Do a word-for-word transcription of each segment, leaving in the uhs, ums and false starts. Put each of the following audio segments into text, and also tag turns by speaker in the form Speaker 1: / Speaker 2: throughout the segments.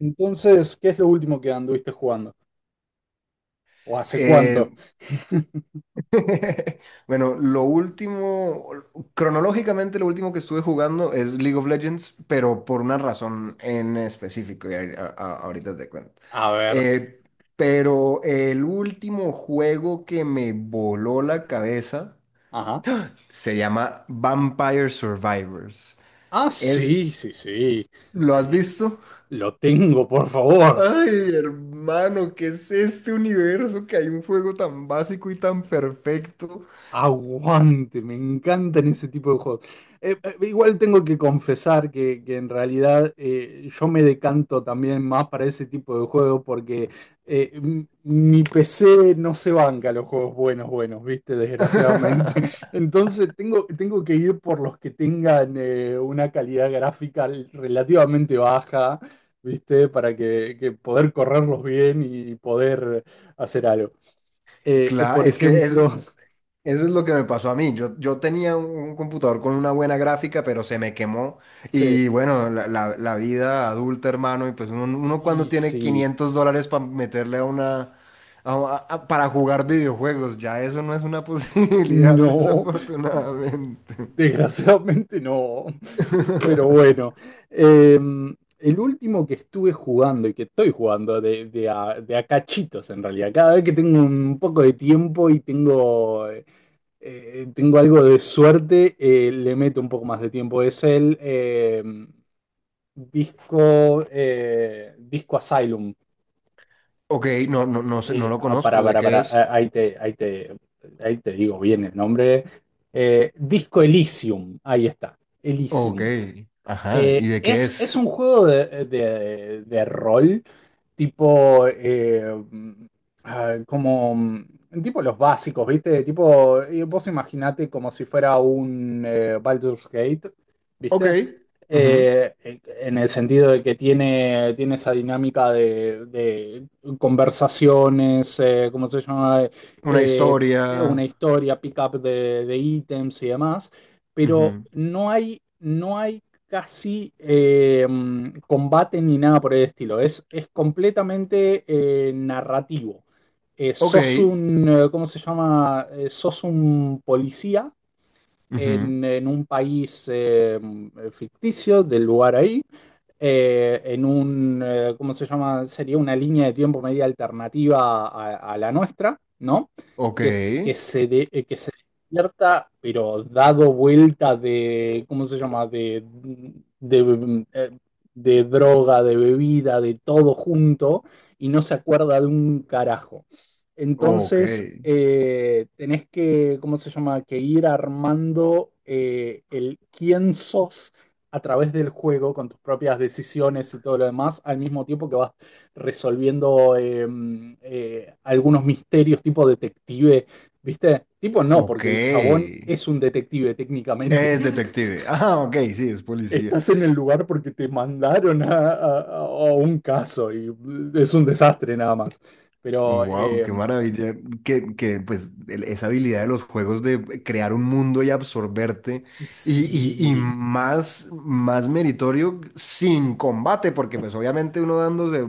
Speaker 1: Entonces, ¿qué es lo último que anduviste jugando? ¿O hace
Speaker 2: Eh,
Speaker 1: cuánto?
Speaker 2: bueno, lo último, cronológicamente lo último que estuve jugando es League of Legends, pero por una razón en específico, y ahí- a- a- ahorita te cuento.
Speaker 1: A ver,
Speaker 2: Eh, pero el último juego que me voló la cabeza
Speaker 1: ajá.
Speaker 2: se llama Vampire Survivors.
Speaker 1: Ah,
Speaker 2: Es,
Speaker 1: sí, sí, sí.
Speaker 2: ¿Lo has
Speaker 1: Sí,
Speaker 2: visto?
Speaker 1: lo tengo, por favor.
Speaker 2: Ay, hermano, ¿qué es este universo que hay un juego tan básico y tan perfecto?
Speaker 1: Aguante, me encantan ese tipo de juegos. Eh, eh, igual tengo que confesar que, que en realidad eh, yo me decanto también más para ese tipo de juegos porque eh, m- mi P C no se banca los juegos buenos, buenos, ¿viste? Desgraciadamente. Entonces tengo, tengo que ir por los que tengan eh, una calidad gráfica relativamente baja, ¿viste? Para que, que poder correrlos bien y poder hacer algo. Eh,
Speaker 2: Claro,
Speaker 1: por
Speaker 2: es que es,
Speaker 1: ejemplo.
Speaker 2: eso es lo que me pasó a mí. Yo, yo tenía un, un computador con una buena gráfica, pero se me quemó.
Speaker 1: Sí.
Speaker 2: Y bueno, la, la- la vida adulta, hermano, y pues uno, uno cuando
Speaker 1: Y
Speaker 2: tiene
Speaker 1: sí,
Speaker 2: quinientos dólares para meterle a una... a- a- para jugar videojuegos, ya eso no es una posibilidad,
Speaker 1: no,
Speaker 2: desafortunadamente.
Speaker 1: desgraciadamente no. Pero bueno, eh, el último que estuve jugando y que estoy jugando de, de a, de a cachitos en realidad, cada vez que tengo un poco de tiempo y tengo, eh, eh, tengo algo de suerte, eh, le meto un poco más de tiempo, es el eh, disco, eh, disco Asylum.
Speaker 2: Ok, no, no, no sé, no
Speaker 1: Eh,
Speaker 2: lo
Speaker 1: ah, para,
Speaker 2: conozco. ¿De
Speaker 1: para,
Speaker 2: qué
Speaker 1: para,
Speaker 2: es?
Speaker 1: ah, ahí te, ahí te, ahí te digo bien el nombre. Eh, Disco Elysium, ahí está,
Speaker 2: Ok,
Speaker 1: Elysium.
Speaker 2: ajá, ¿y
Speaker 1: Eh,
Speaker 2: de qué
Speaker 1: es, es un
Speaker 2: es?
Speaker 1: juego de, de- de rol, tipo, eh, mm, ah, como, mm, tipo los básicos, ¿viste? Tipo, eh, vos imaginate como si fuera un eh, Baldur's Gate,
Speaker 2: Ok,
Speaker 1: ¿viste?
Speaker 2: ujú.
Speaker 1: Eh, eh, en el sentido de que tiene, tiene esa dinámica de, de conversaciones, eh, ¿cómo se llama?
Speaker 2: Una
Speaker 1: Eh, eh, una
Speaker 2: historia.
Speaker 1: historia, pick-up de, de ítems y demás, pero
Speaker 2: Ujú.
Speaker 1: no hay... No hay casi eh, combate ni nada por el estilo. Es, es completamente eh, narrativo. Eh,
Speaker 2: Ok.
Speaker 1: sos un, eh, ¿cómo se llama? Eh, sos un policía
Speaker 2: Ujú.
Speaker 1: en, en un país eh, ficticio del lugar ahí, eh, en un, eh, ¿cómo se llama? Sería una línea de tiempo media alternativa a, a la nuestra, ¿no?
Speaker 2: Ok,
Speaker 1: Que, es- que se de- eh, que se despierta, pero dado vuelta de, ¿cómo se llama? De, de, eh, de droga, de bebida, de todo junto, y no se acuerda de un carajo.
Speaker 2: ok,
Speaker 1: Entonces, eh, tenés que, ¿cómo se llama? Que ir armando eh, el quién sos a través del juego con tus propias decisiones y todo lo demás, al mismo tiempo que vas resolviendo eh, mm, eh, algunos misterios tipo detective, ¿viste? Tipo no,
Speaker 2: ok.
Speaker 1: porque el chabón es un detective técnicamente.
Speaker 2: Es detective. Ah, ok, sí, es policía.
Speaker 1: Estás en el lugar porque te mandaron a, a- a un caso y es un desastre nada más. Pero.
Speaker 2: Wow,
Speaker 1: eh,
Speaker 2: qué maravilla. Que, que pues el- esa habilidad de los juegos de crear un mundo y absorberte. Y, y, y
Speaker 1: Sí.
Speaker 2: más, más meritorio sin combate, porque pues obviamente uno dándose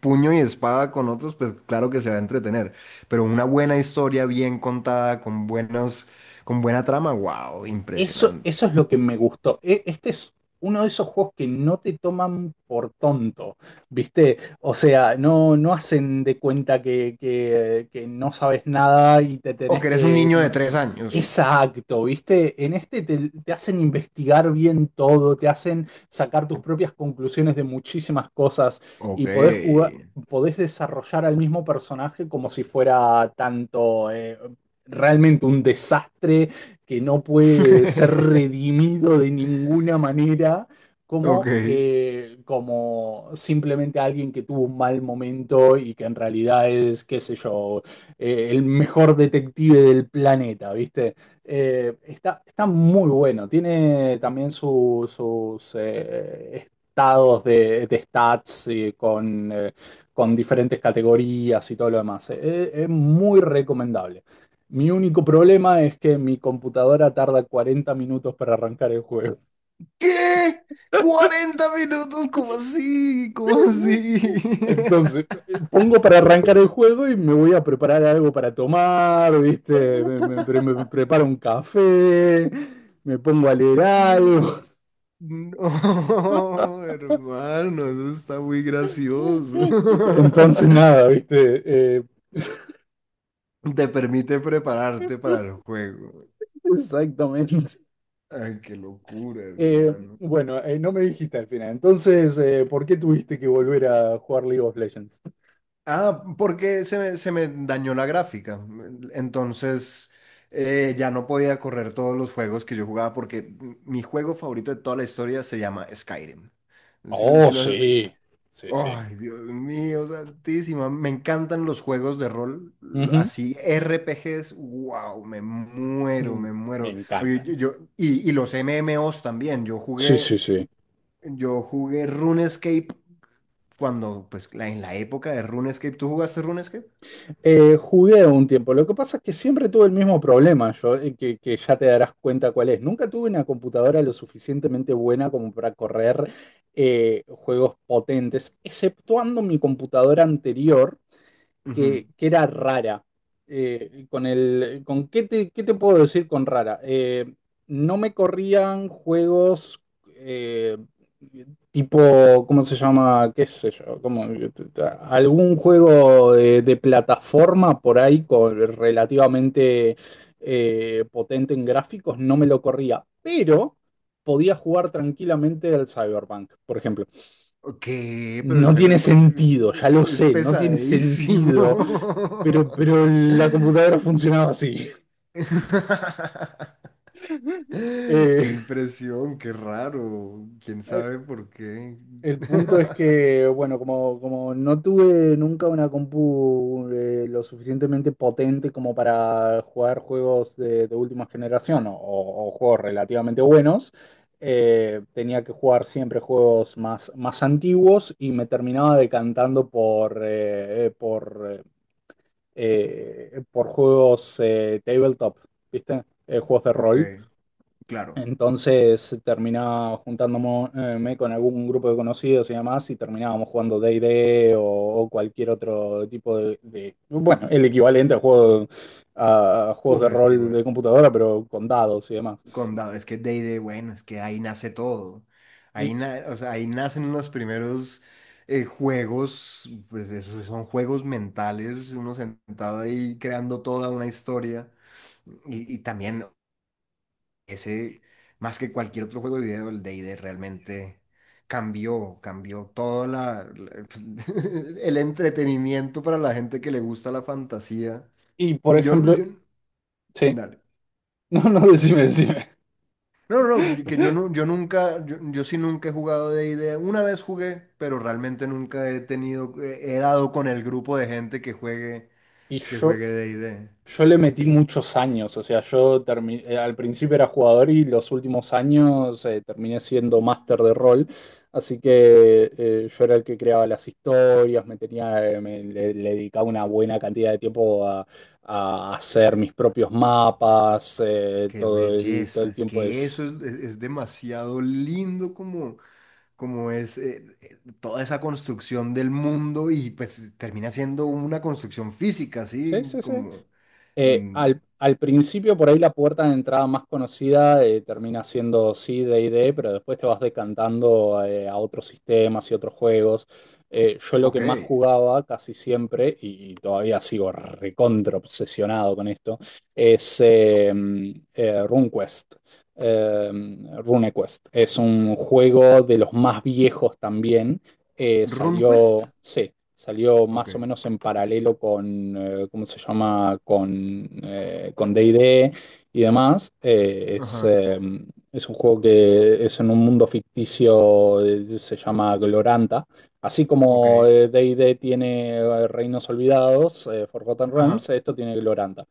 Speaker 2: puño y espada con otros, pues claro que se va a entretener. Pero una buena historia bien contada, con buenos, con buena trama, wow,
Speaker 1: Eso,
Speaker 2: impresionante.
Speaker 1: eso es lo que me gustó. E- Este es uno de esos juegos que no te toman por tonto, ¿viste? O sea, no, no hacen de cuenta que, que- que no sabes nada y te
Speaker 2: O
Speaker 1: tenés
Speaker 2: que eres un
Speaker 1: que.
Speaker 2: niño
Speaker 1: ¿cómo
Speaker 2: de
Speaker 1: se-
Speaker 2: tres años.
Speaker 1: Exacto, ¿viste? En este te, te hacen investigar bien todo, te hacen sacar tus propias conclusiones de muchísimas cosas
Speaker 2: Ok.
Speaker 1: y podés jugar, podés desarrollar al mismo personaje como si fuera tanto eh, realmente un desastre que no puede ser redimido de ninguna manera
Speaker 2: Ok.
Speaker 1: como, eh, como simplemente alguien que tuvo un mal momento y que en realidad es, qué sé yo, eh, el mejor detective del planeta, ¿viste? Eh, está, está muy bueno, tiene también su- sus eh, estados de, de stats eh, con, eh, con diferentes categorías y todo lo demás. Eh, eh, es muy recomendable. Mi único problema es que mi computadora tarda cuarenta minutos para arrancar el juego.
Speaker 2: ¿Qué? ¿Cuarenta minutos? ¿Cómo así? ¿Cómo así?
Speaker 1: Entonces, eh, pongo para arrancar el juego y me voy a preparar algo para tomar, ¿viste? Me, me- pre- me preparo un café, me pongo a leer algo.
Speaker 2: No, hermano, eso está muy gracioso.
Speaker 1: Entonces, nada, ¿viste? Eh,
Speaker 2: Te permite prepararte para el juego.
Speaker 1: exactamente.
Speaker 2: Ay, qué locura,
Speaker 1: Eh,
Speaker 2: hermano.
Speaker 1: bueno, eh, no me dijiste al final. Entonces, eh, ¿por qué tuviste que volver a jugar League of Legends?
Speaker 2: Ah, porque se me, se me dañó la gráfica. Entonces eh, ya no podía correr todos los juegos que yo jugaba porque mi juego favorito de toda la historia se llama Skyrim. Si, lo
Speaker 1: Oh,
Speaker 2: si lo has escu-
Speaker 1: sí, sí, sí.
Speaker 2: Ay, Dios mío, santísima. Me encantan los juegos de rol, l-
Speaker 1: Ujú.
Speaker 2: así R P Gs. Wow, me muero,
Speaker 1: Mm,
Speaker 2: me
Speaker 1: Me
Speaker 2: muero. Porque yo,
Speaker 1: encantan.
Speaker 2: yo- y, y los M M Os también. Yo
Speaker 1: Sí,
Speaker 2: jugué,
Speaker 1: sí, sí.
Speaker 2: yo jugué RuneScape cuando, pues, la- en la época de RuneScape. ¿Tú jugaste RuneScape?
Speaker 1: Eh, jugué un tiempo. Lo que pasa es que siempre tuve el mismo problema, yo, eh, que, que ya te darás cuenta cuál es. Nunca tuve una computadora lo suficientemente buena como para correr eh, juegos potentes, exceptuando mi computadora anterior.
Speaker 2: Ujú.
Speaker 1: que, que era rara. Eh, con el, con ¿qué te, qué te puedo decir con rara? Eh, no me corrían juegos eh, tipo, ¿cómo se llama? ¿Qué sé yo? Como algún juego de, de plataforma por ahí con, relativamente eh, potente en gráficos, no me lo corría, pero podía jugar tranquilamente al Cyberpunk, por ejemplo.
Speaker 2: ¿Qué? Pero el
Speaker 1: No tiene
Speaker 2: Cyberpunk
Speaker 1: sentido, ya lo
Speaker 2: es
Speaker 1: sé, no tiene
Speaker 2: pesadísimo.
Speaker 1: sentido, pero, pero la computadora funcionaba así. Eh,
Speaker 2: Qué impresión, qué raro. ¿Quién
Speaker 1: eh,
Speaker 2: sabe por qué?
Speaker 1: el punto es que, bueno, como, como no tuve nunca una compu eh, lo suficientemente potente como para jugar juegos de, de última generación o, o juegos relativamente buenos, eh, tenía que jugar siempre juegos más, más antiguos y me terminaba decantando por, eh, eh, por eh, eh, por juegos eh, tabletop, ¿viste? Eh, juegos de
Speaker 2: Ok,
Speaker 1: rol.
Speaker 2: claro.
Speaker 1: Entonces terminaba juntándome eh, con algún grupo de conocidos y demás y terminábamos jugando D y D o, o cualquier otro tipo de, de- bueno, el equivalente a, juego, a juegos
Speaker 2: Uf,
Speaker 1: de
Speaker 2: es que
Speaker 1: rol
Speaker 2: bueno,
Speaker 1: de computadora, pero con dados y demás.
Speaker 2: Condado, es que D and D, bueno, es que ahí nace todo.
Speaker 1: Y,
Speaker 2: Ahí, na- o sea, ahí nacen los primeros eh, juegos, pues esos son juegos mentales, uno sentado ahí creando toda una historia. Y, y también ese, más que cualquier otro juego de video, el D and D realmente cambió, cambió todo la, la- el entretenimiento para la gente que le gusta la fantasía.
Speaker 1: y por
Speaker 2: Yo,
Speaker 1: ejemplo,
Speaker 2: yo,
Speaker 1: sí,
Speaker 2: dale.
Speaker 1: no, no, decime, decime.
Speaker 2: No, no, no, que yo, no, yo nunca, yo, yo sí nunca he jugado D and D. Una vez jugué, pero realmente nunca he tenido, he dado con el grupo de gente que juegue,
Speaker 1: Y
Speaker 2: que
Speaker 1: yo,
Speaker 2: juegue D and D.
Speaker 1: yo le metí muchos años, o sea, yo termi- eh, al principio era jugador y los últimos años eh, terminé siendo máster de rol, así que eh, yo era el que creaba las historias, me tenía, eh, me- le, le dedicaba una buena cantidad de tiempo a, a hacer mis propios mapas, eh,
Speaker 2: Qué
Speaker 1: todo el, todo
Speaker 2: belleza,
Speaker 1: el
Speaker 2: es
Speaker 1: tiempo
Speaker 2: que
Speaker 1: es.
Speaker 2: eso es, es es demasiado lindo como... como es eh, eh, toda esa construcción del mundo y pues termina siendo una construcción física,
Speaker 1: Sí,
Speaker 2: así
Speaker 1: sí, sí.
Speaker 2: como,
Speaker 1: Eh,
Speaker 2: mm,
Speaker 1: al, al principio, por ahí la puerta de entrada más conocida eh, termina siendo sí, D y D, pero después te vas decantando eh, a otros sistemas y otros juegos. Eh, yo lo
Speaker 2: ok,
Speaker 1: que más jugaba casi siempre, y, y todavía sigo recontra obsesionado con esto, es eh, eh, RuneQuest. Eh, RuneQuest es un juego de los más viejos también. eh, salió,
Speaker 2: RunQuest,
Speaker 1: sí, salió
Speaker 2: ok,
Speaker 1: más o menos en paralelo con, eh, ¿cómo se llama? Con, eh, con D y D y D y demás. Eh, es,
Speaker 2: ajá,
Speaker 1: eh, es un juego que es en un mundo ficticio, eh, se llama Gloranta. Así
Speaker 2: ok,
Speaker 1: como eh, D y D tiene eh, Reinos Olvidados, eh, Forgotten Realms,
Speaker 2: ajá,
Speaker 1: esto tiene Gloranta.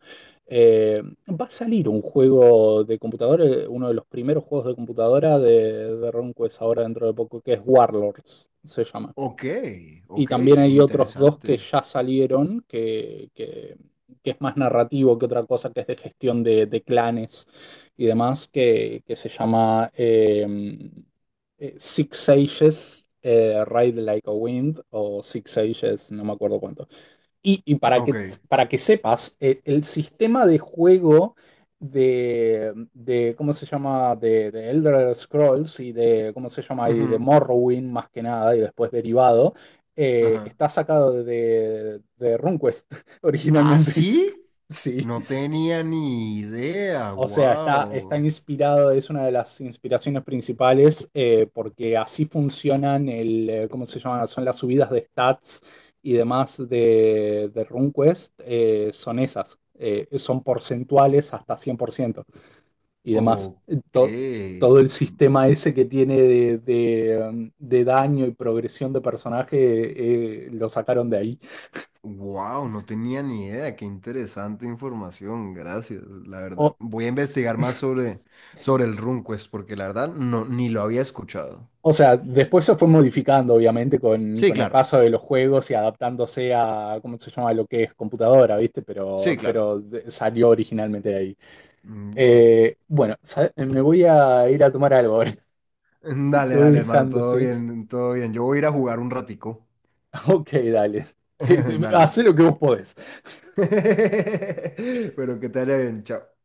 Speaker 1: Eh, Va a salir un juego de computadora, eh, uno de los primeros juegos de computadora de, de RomQuest ahora dentro de poco, que es Warlords, se llama.
Speaker 2: ok,
Speaker 1: Y
Speaker 2: ok,
Speaker 1: también
Speaker 2: ah,
Speaker 1: hay otros dos que
Speaker 2: interesante,
Speaker 1: ya salieron, que, que- que es más narrativo que otra cosa, que es de gestión de, de clanes y demás, que, que se llama eh, eh, Six Sages, eh, Ride Like a Wind, o Six Sages, no me acuerdo cuánto. Y, y para
Speaker 2: ok,
Speaker 1: que, para que sepas, eh, el sistema de juego de, de ¿cómo se llama? De, de Elder Scrolls y de, ¿cómo se llama? Y de
Speaker 2: ujú,
Speaker 1: Morrowind más que nada y después derivado, eh,
Speaker 2: ajá,
Speaker 1: está sacado de, de RuneQuest
Speaker 2: ¿ah,
Speaker 1: originalmente.
Speaker 2: sí?
Speaker 1: Sí.
Speaker 2: No tenía ni idea,
Speaker 1: O sea, está, está
Speaker 2: wow,
Speaker 1: inspirado, es una de las inspiraciones principales, eh, porque así funcionan el, eh, ¿cómo se llama? Son las subidas de stats y demás de, de RuneQuest, eh, son esas, eh, son porcentuales hasta cien por ciento y demás.
Speaker 2: ok.
Speaker 1: To- todo el sistema ese que tiene de, de, um, de daño y progresión de personaje eh, lo sacaron de ahí.
Speaker 2: Wow, no tenía ni idea, qué interesante información, gracias, la verdad.
Speaker 1: O,
Speaker 2: Voy a investigar más sobre, sobre el RunQuest porque la verdad no, ni lo había escuchado.
Speaker 1: O sea, después se fue modificando, obviamente, con,
Speaker 2: Sí,
Speaker 1: con el
Speaker 2: claro,
Speaker 1: paso de los juegos y adaptándose a, ¿cómo se llama? Lo que es computadora, ¿viste? Pero,
Speaker 2: sí, claro.
Speaker 1: pero de- salió originalmente de ahí.
Speaker 2: Wow.
Speaker 1: Eh, bueno, sa- me voy a ir a tomar algo ahora.
Speaker 2: Dale,
Speaker 1: Te voy
Speaker 2: dale, hermano,
Speaker 1: dejando,
Speaker 2: todo
Speaker 1: ¿sí?
Speaker 2: bien, todo bien. Yo voy a ir a jugar un ratico.
Speaker 1: Ok, dale. Te- te- hacé
Speaker 2: Dale.
Speaker 1: lo que vos podés.
Speaker 2: Pero que te vaya bien, chao.